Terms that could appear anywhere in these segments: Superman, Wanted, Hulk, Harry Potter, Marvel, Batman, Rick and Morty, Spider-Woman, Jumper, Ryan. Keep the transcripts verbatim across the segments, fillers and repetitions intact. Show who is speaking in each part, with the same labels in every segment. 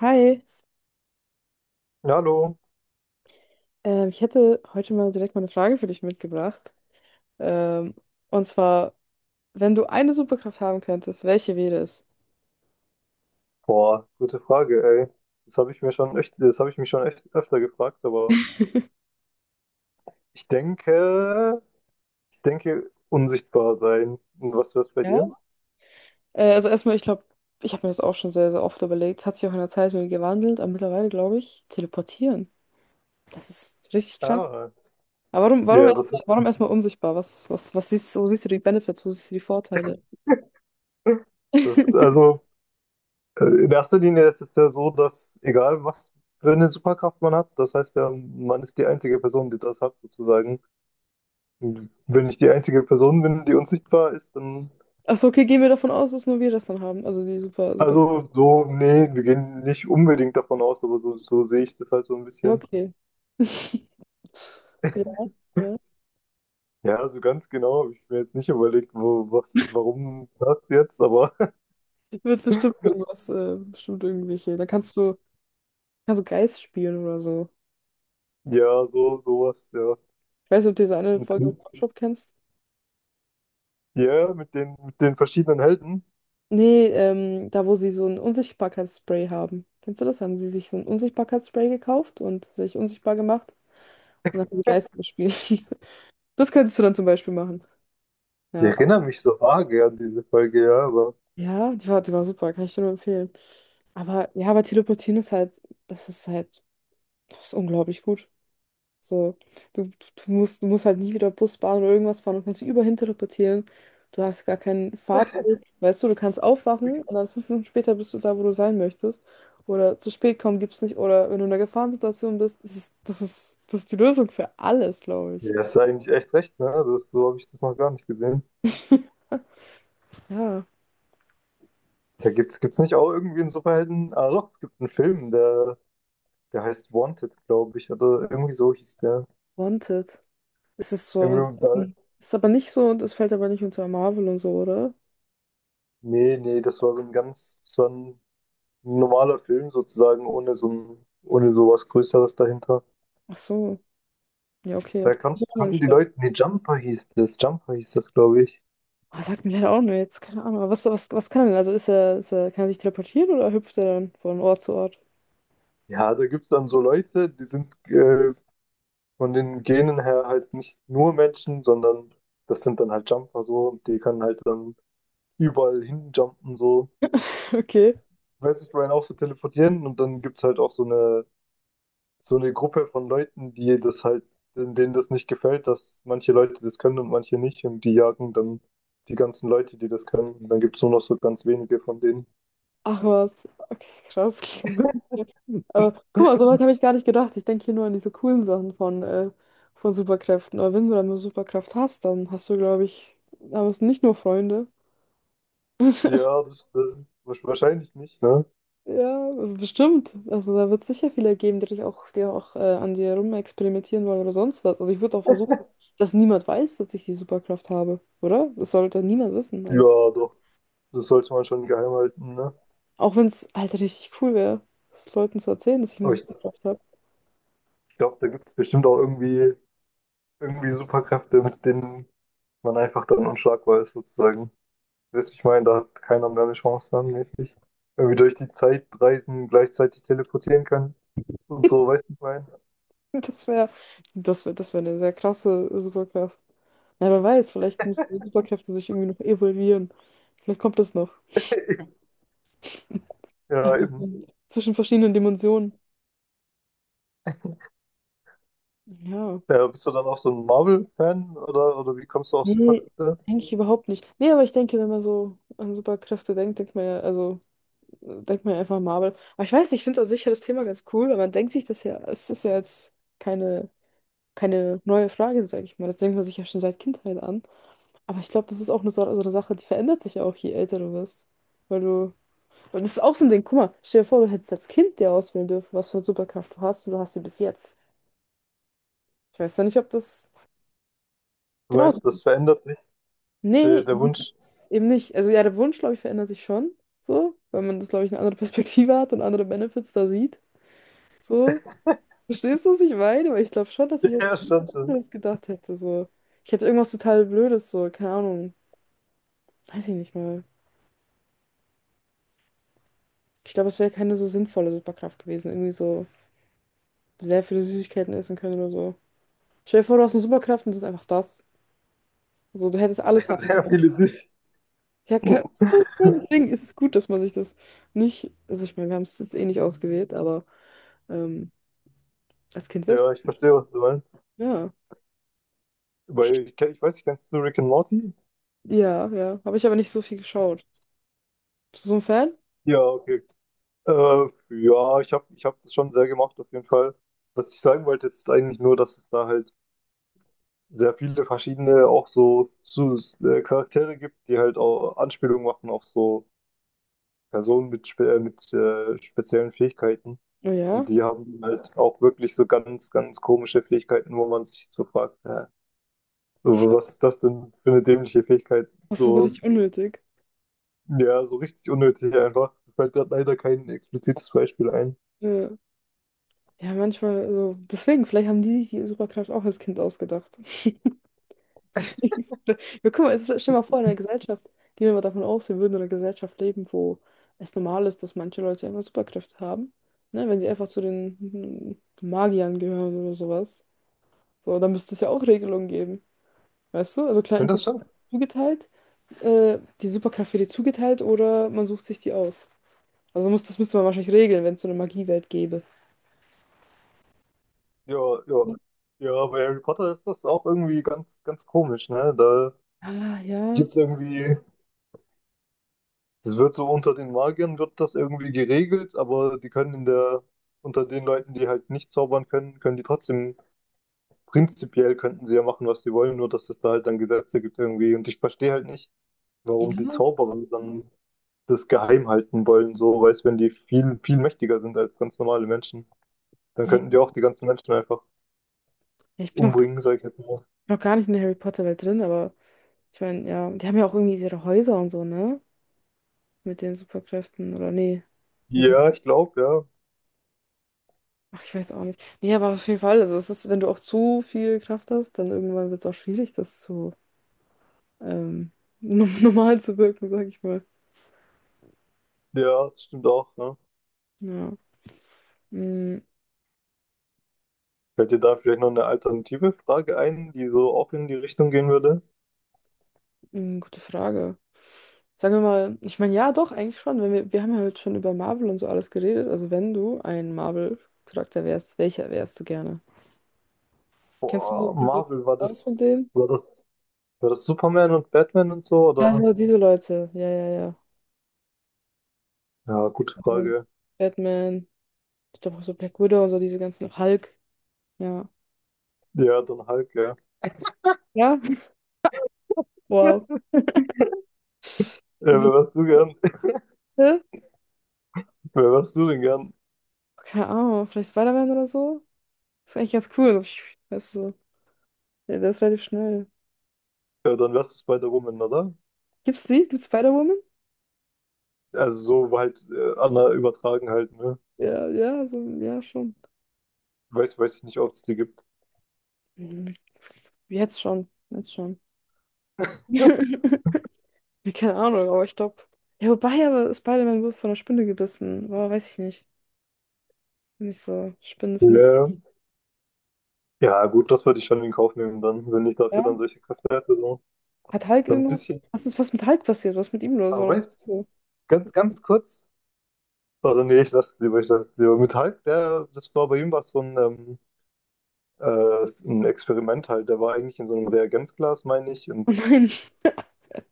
Speaker 1: Hi,
Speaker 2: Ja, hallo.
Speaker 1: ähm, ich hätte heute mal direkt mal eine Frage für dich mitgebracht. Ähm, und zwar, wenn du eine Superkraft haben könntest, welche wäre es?
Speaker 2: Boah, gute Frage, ey. Das habe ich mir schon echt, das habe ich mich schon echt öfter gefragt, aber ich denke, ich denke, unsichtbar sein. Und was wär's bei dir?
Speaker 1: Ja, Äh, also erstmal, ich glaube, ich habe mir das auch schon sehr, sehr oft überlegt. Hat sich auch in der Zeit wieder gewandelt, aber mittlerweile glaube ich, teleportieren. Das ist richtig krass.
Speaker 2: Ah,
Speaker 1: Aber warum, warum
Speaker 2: ja, das
Speaker 1: erstmal,
Speaker 2: ist,
Speaker 1: warum erstmal unsichtbar? Was, was, was siehst, wo siehst du die Benefits? Wo siehst du die Vorteile?
Speaker 2: das ist also äh, in erster Linie ist es ja so, dass egal was für eine Superkraft man hat, das heißt ja, man ist die einzige Person, die das hat, sozusagen. Und wenn ich die einzige Person bin, die unsichtbar ist, dann
Speaker 1: Achso, okay, gehen wir davon aus, dass nur wir das dann haben. Also die super, super.
Speaker 2: also so, nee, wir gehen nicht unbedingt davon aus, aber so, so sehe ich das halt so ein
Speaker 1: Ja,
Speaker 2: bisschen.
Speaker 1: okay. Ja,
Speaker 2: Ja, so ganz genau habe ich mir jetzt nicht überlegt, wo, was, warum das jetzt, aber
Speaker 1: wird bestimmt irgendwas, äh, bestimmt irgendwelche. Da kannst du, kannst du Geist spielen oder so.
Speaker 2: ja, so, sowas, ja.
Speaker 1: Ich weiß nicht, ob du diese eine
Speaker 2: Und
Speaker 1: Folge von Pop Shop kennst.
Speaker 2: ja, mit den, mit den verschiedenen Helden.
Speaker 1: Nee, ähm, da wo sie so ein Unsichtbarkeitsspray haben. Kennst du das? Haben sie sich so ein Unsichtbarkeitsspray gekauft und sich unsichtbar gemacht und dann haben sie Geister gespielt. Das könntest du dann zum Beispiel machen.
Speaker 2: Ich
Speaker 1: Ja.
Speaker 2: erinnere mich so vage an diese Folge, ja, aber
Speaker 1: Ja, die war, die war super, kann ich dir nur empfehlen. Aber ja, aber Teleportieren ist halt, das ist halt, das ist unglaublich gut. So, du, du, du musst, du musst halt nie wieder Bus, Bahn oder irgendwas fahren und kannst dich überall teleportieren. Du hast gar keinen Fahrtweg. Weißt du, du kannst aufwachen und dann fünf Minuten später bist du da, wo du sein möchtest. Oder zu spät kommen gibt's nicht. Oder wenn du in einer Gefahrensituation bist, das ist, das ist, das ist die Lösung für alles, glaube ich.
Speaker 2: ja, hast du eigentlich echt recht, ne? Das, so habe ich das noch gar nicht gesehen.
Speaker 1: Ja,
Speaker 2: Da gibt's, gibt's nicht auch irgendwie einen Superhelden? Ah doch, es gibt einen Film, der, der heißt Wanted, glaube ich, oder irgendwie so hieß der.
Speaker 1: Wanted. Es ist so, und
Speaker 2: Irgendwie, da,
Speaker 1: ist aber nicht so und es fällt aber nicht unter Marvel und so, oder?
Speaker 2: nee, nee, das war so ein ganz, das war ein Ein normaler Film sozusagen, ohne so ein, ohne sowas Größeres dahinter.
Speaker 1: Ach so. Ja, okay.
Speaker 2: Da kon
Speaker 1: Ist auch mal
Speaker 2: konnten
Speaker 1: nicht.
Speaker 2: die Leute, nee, Jumper hieß das, Jumper hieß das, glaube ich.
Speaker 1: Oh, sagt mir leider auch nur jetzt, keine Ahnung. Aber Was, was, was kann er denn? Also ist er, ist er, kann er sich teleportieren oder hüpft er dann von Ort zu Ort?
Speaker 2: Ja, da gibt es dann so Leute, die sind äh, von den Genen her halt nicht nur Menschen, sondern das sind dann halt Jumper so und die können halt dann überall hinjumpen so.
Speaker 1: Okay.
Speaker 2: Weiß ich, Ryan auch so teleportieren und dann gibt es halt auch so eine so eine Gruppe von Leuten, die das halt, denen das nicht gefällt, dass manche Leute das können und manche nicht. Und die jagen dann die ganzen Leute, die das können. Und dann gibt es nur noch so ganz wenige von denen.
Speaker 1: Ach was. Okay, krass. Aber guck mal, so weit habe ich gar nicht gedacht. Ich denke hier nur an diese coolen Sachen von, äh, von Superkräften. Aber wenn du dann eine Superkraft hast, dann hast du, glaube ich, haben es nicht nur Freunde.
Speaker 2: Ja, das äh, wahrsch- wahrscheinlich nicht, ne?
Speaker 1: Ja, also bestimmt. Also da wird es sicher viele geben, die dich auch, die auch äh, an dir rumexperimentieren wollen oder sonst was. Also ich würde auch versuchen, dass niemand weiß, dass ich die Superkraft habe, oder? Das sollte niemand wissen.
Speaker 2: Ja, doch. Das sollte man schon geheim halten, ne?
Speaker 1: Auch wenn es halt richtig cool wäre, es Leuten zu erzählen, dass ich eine
Speaker 2: Aber ich
Speaker 1: Superkraft habe.
Speaker 2: glaube, da gibt es bestimmt auch irgendwie, irgendwie Superkräfte, mit denen man einfach dann unschlagbar ist, sozusagen. Weißt du, ich meine, da hat keiner mehr eine Chance dann, mäßig. Irgendwie durch die Zeit reisen, gleichzeitig teleportieren können und so, weißt du, ich meine?
Speaker 1: Das wäre, das wäre, das wäre eine sehr krasse Superkraft. Na, wer weiß, vielleicht müssen die Superkräfte sich irgendwie noch evolvieren. Vielleicht kommt das noch.
Speaker 2: Ja,
Speaker 1: Aber
Speaker 2: eben.
Speaker 1: zwischen verschiedenen Dimensionen. Ja.
Speaker 2: Ja, bist du dann auch so ein Marvel-Fan oder, oder wie kommst du auf
Speaker 1: Nee,
Speaker 2: Superkräfte?
Speaker 1: eigentlich überhaupt nicht. Nee, aber ich denke, wenn man so an Superkräfte denkt, denkt man ja, also äh, denkt man ja einfach an Marvel. Aber ich weiß nicht, ich finde an sich ja das Thema ganz cool, weil man denkt sich das ja, es ist ja jetzt keine, keine neue Frage, sage ich mal. Das denkt man sich ja schon seit Kindheit an. Aber ich glaube, das ist auch eine, so so eine Sache, die verändert sich ja auch, je älter du wirst. Weil du. Und das ist auch so ein Ding, guck mal, stell dir vor, du hättest als Kind dir auswählen dürfen, was für eine Superkraft du hast und du hast sie bis jetzt. Ich weiß ja nicht, ob das.
Speaker 2: Du
Speaker 1: Genau.
Speaker 2: meinst, das verändert sich, der,
Speaker 1: Nee,
Speaker 2: der
Speaker 1: nee,
Speaker 2: Wunsch.
Speaker 1: eben nicht. Also ja, der Wunsch, glaube ich, verändert sich schon. So, weil man das, glaube ich, eine andere Perspektive hat und andere Benefits da sieht. So. Verstehst du, was ich meine? Weil ich glaube schon, dass ich jetzt
Speaker 2: Ja,
Speaker 1: was
Speaker 2: schon, schon.
Speaker 1: anderes gedacht hätte. So. Ich hätte irgendwas total Blödes, so, keine Ahnung. Weiß ich nicht mal. Ich glaube, es wäre keine so sinnvolle Superkraft gewesen. Irgendwie so. Sehr viele Süßigkeiten essen können oder so. Stell dir vor, du hast eine Superkraft und das ist einfach das. Also du hättest alles haben.
Speaker 2: Sehr viele sich.
Speaker 1: Ja, kann, so ist es. Deswegen ist es gut, dass man sich das nicht, also ich meine, wir haben es jetzt eh nicht ausgewählt, aber ähm, als Kind wäre es,
Speaker 2: Ja, ich verstehe, was du meinst.
Speaker 1: ja.
Speaker 2: Weil ich, kenn- ich weiß nicht, kennst du Rick and Morty?
Speaker 1: Ja, ja. Habe ich aber nicht so viel geschaut. Bist du so ein Fan?
Speaker 2: Ja, okay. Äh, ja, ich habe ich hab das schon sehr gemacht, auf jeden Fall. Was ich sagen wollte, ist eigentlich nur, dass es da halt sehr viele verschiedene auch so, so äh, Charaktere gibt, die halt auch Anspielungen machen auf so Personen mit, spe äh, mit äh, speziellen Fähigkeiten.
Speaker 1: Oh ja.
Speaker 2: Und die haben halt auch wirklich so ganz, ganz komische Fähigkeiten, wo man sich so fragt, äh, so, was ist das denn für eine dämliche Fähigkeit?
Speaker 1: Das ist so
Speaker 2: So,
Speaker 1: richtig unnötig.
Speaker 2: ja, so richtig unnötig einfach. Mir fällt gerade leider kein explizites Beispiel ein.
Speaker 1: Ja, ja manchmal, also deswegen, vielleicht haben die sich die Superkraft auch als Kind ausgedacht. Wir gucken mal, es ist- stell dir mal vor, in einer Gesellschaft, gehen wir mal davon aus, wir würden in einer Gesellschaft leben, wo es normal ist, dass manche Leute einfach Superkräfte haben. Ne? Wenn sie einfach zu den mm, Magiern gehören oder sowas. So, dann müsste es ja auch Regelungen geben. Weißt du? Also
Speaker 2: Ich
Speaker 1: klar,
Speaker 2: finde das
Speaker 1: Intelligenz
Speaker 2: schon.
Speaker 1: zugeteilt, äh, die Superkraft wird dir zugeteilt oder man sucht sich die aus. Also muss, das müsste man wahrscheinlich regeln, wenn es so eine Magiewelt gäbe.
Speaker 2: Ja, ja. Ja, bei Harry Potter ist das auch irgendwie ganz, ganz komisch, ne? Da
Speaker 1: Ah, ja.
Speaker 2: gibt's irgendwie das wird so unter den Magiern wird das irgendwie geregelt, aber die können in der, unter den Leuten, die halt nicht zaubern können, können die trotzdem, prinzipiell könnten sie ja machen, was sie wollen, nur dass es da halt dann Gesetze gibt irgendwie. Und ich verstehe halt nicht, warum die
Speaker 1: Ja.
Speaker 2: Zauberer dann das geheim halten wollen, so, weißt, wenn die viel, viel mächtiger sind als ganz normale Menschen, dann
Speaker 1: Ja.
Speaker 2: könnten die auch die ganzen Menschen einfach
Speaker 1: Ich bin noch,
Speaker 2: umbringen, sag ich jetzt mal.
Speaker 1: noch gar nicht in der Harry Potter-Welt drin, aber. Ich meine, ja, die haben ja auch irgendwie ihre Häuser und so, ne? Mit den Superkräften, oder nee. Nee, die-
Speaker 2: Ja, ich glaube, ja.
Speaker 1: ach, ich weiß auch nicht. Nee, aber auf jeden Fall, also es ist, wenn du auch zu viel Kraft hast, dann irgendwann wird es auch schwierig, das zu ähm, normal zu wirken, sag ich mal.
Speaker 2: Ja, das stimmt auch, ne?
Speaker 1: Ja. Mm,
Speaker 2: Fällt dir da vielleicht noch eine alternative Frage ein, die so auch in die Richtung gehen würde?
Speaker 1: mm, gute Frage. Sagen wir mal, ich meine, ja, doch, eigentlich schon. Wenn wir, wir haben ja heute schon über Marvel und so alles geredet. Also wenn du ein Marvel-Charakter wärst, welcher wärst du gerne? Kennst du so
Speaker 2: Boah,
Speaker 1: kennst du dich
Speaker 2: Marvel, war
Speaker 1: aus
Speaker 2: das,
Speaker 1: von denen?
Speaker 2: war das, war das Superman und Batman und so, oder?
Speaker 1: Also diese Leute, ja, ja,
Speaker 2: Ja, gute
Speaker 1: ja.
Speaker 2: Frage.
Speaker 1: Batman, ich glaube auch so Black Widow und so diese ganzen Hulk. Ja.
Speaker 2: Ja, dann Hulk, ja.
Speaker 1: Ja? Wow.
Speaker 2: Ja,
Speaker 1: Diese-
Speaker 2: wer wärst du gern?
Speaker 1: Hä?
Speaker 2: Wer wärst du denn gern?
Speaker 1: Keine Ahnung, vielleicht Spider-Man oder so? Ist eigentlich ganz cool. So, pfiuh, weißt du, so. Ja, der ist relativ schnell.
Speaker 2: Ja, dann wärst du Spider-Woman, oder?
Speaker 1: Gibt's die? Gibt's Spider-Woman?
Speaker 2: Also so halt äh, Anna übertragen halt, ne?
Speaker 1: Ja, ja, so, ja, schon.
Speaker 2: Weiß, weiß ich nicht, ob es die gibt.
Speaker 1: Hm, jetzt schon. Jetzt schon. Ja, keine Ahnung, aber ich glaube. Ja, wobei, aber Spider-Man wurde von einer Spinne gebissen. Boah, weiß ich nicht. Nicht so. Spinnen finde ich.
Speaker 2: Ja. Ja, gut, das würde ich schon in Kauf nehmen dann, wenn ich dafür dann
Speaker 1: Ja.
Speaker 2: solche Kräfte hätte. So,
Speaker 1: Hat Hulk
Speaker 2: so ein
Speaker 1: irgendwas?
Speaker 2: bisschen.
Speaker 1: Was ist was mit Hulk passiert? Was ist mit ihm los?
Speaker 2: Aber
Speaker 1: Warum ist er
Speaker 2: weißt du,
Speaker 1: so?
Speaker 2: ganz, ganz kurz. Oder nee, ich lasse es lieber, ich lasse es lieber. Mit Hulk, der, das war bei ihm was so ein ähm, Äh, ein Experiment halt. Der war eigentlich in so einem Reagenzglas, meine ich, und
Speaker 1: Oh nein.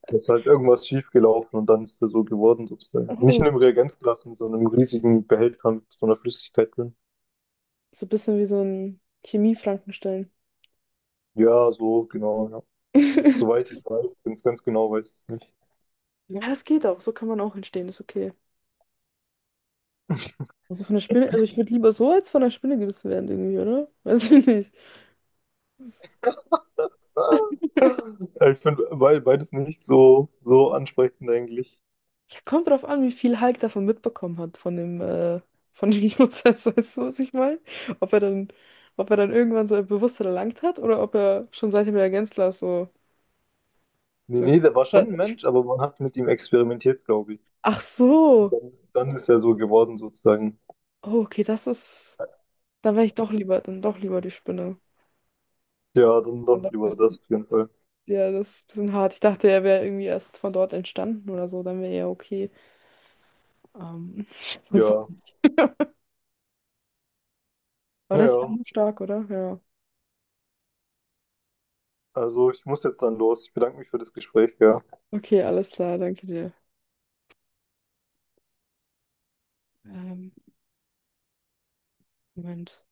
Speaker 2: da ist halt irgendwas schiefgelaufen und dann ist der so geworden, sozusagen. Nicht
Speaker 1: Oh.
Speaker 2: in einem Reagenzglas, in so einem riesigen Behälter mit so einer Flüssigkeit drin.
Speaker 1: So ein bisschen wie so ein Chemie-Frankenstein.
Speaker 2: Ja, so, genau, ja. Soweit ich weiß, ganz, ganz genau weiß ich es nicht.
Speaker 1: Ja, das geht auch. So kann man auch entstehen, ist okay. Also von der Spinne, also ich würde lieber so als von der Spinne gebissen werden irgendwie, oder? Weiß ich nicht. Das-
Speaker 2: Ah, ich finde beides nicht so, so ansprechend eigentlich.
Speaker 1: ja, kommt drauf an, wie viel Hulk davon mitbekommen hat, von dem, äh, von dem Prozess, weißt du, was ich meine? Ob er dann, ob er dann irgendwann so ein Bewusstsein erlangt hat oder ob er schon seitdem er Gänzler so,
Speaker 2: Nee,
Speaker 1: so.
Speaker 2: nee, der war schon ein Mensch, aber man hat mit ihm experimentiert, glaube ich.
Speaker 1: Ach so.
Speaker 2: Dann, dann ist er so geworden, sozusagen.
Speaker 1: Oh, okay, das ist. Dann wäre ich doch lieber, dann doch lieber die Spinne.
Speaker 2: Ja, dann
Speaker 1: Dann
Speaker 2: doch
Speaker 1: doch
Speaker 2: lieber
Speaker 1: das.
Speaker 2: das auf jeden Fall.
Speaker 1: Ja, das ist ein bisschen hart. Ich dachte, er wäre irgendwie erst von dort entstanden oder so, dann wäre er okay. Ähm, so.
Speaker 2: Ja,
Speaker 1: Aber das ist auch
Speaker 2: naja.
Speaker 1: stark, oder? Ja.
Speaker 2: Also ich muss jetzt dann los. Ich bedanke mich für das Gespräch, ja.
Speaker 1: Okay, alles klar, danke dir. Ähm, Moment.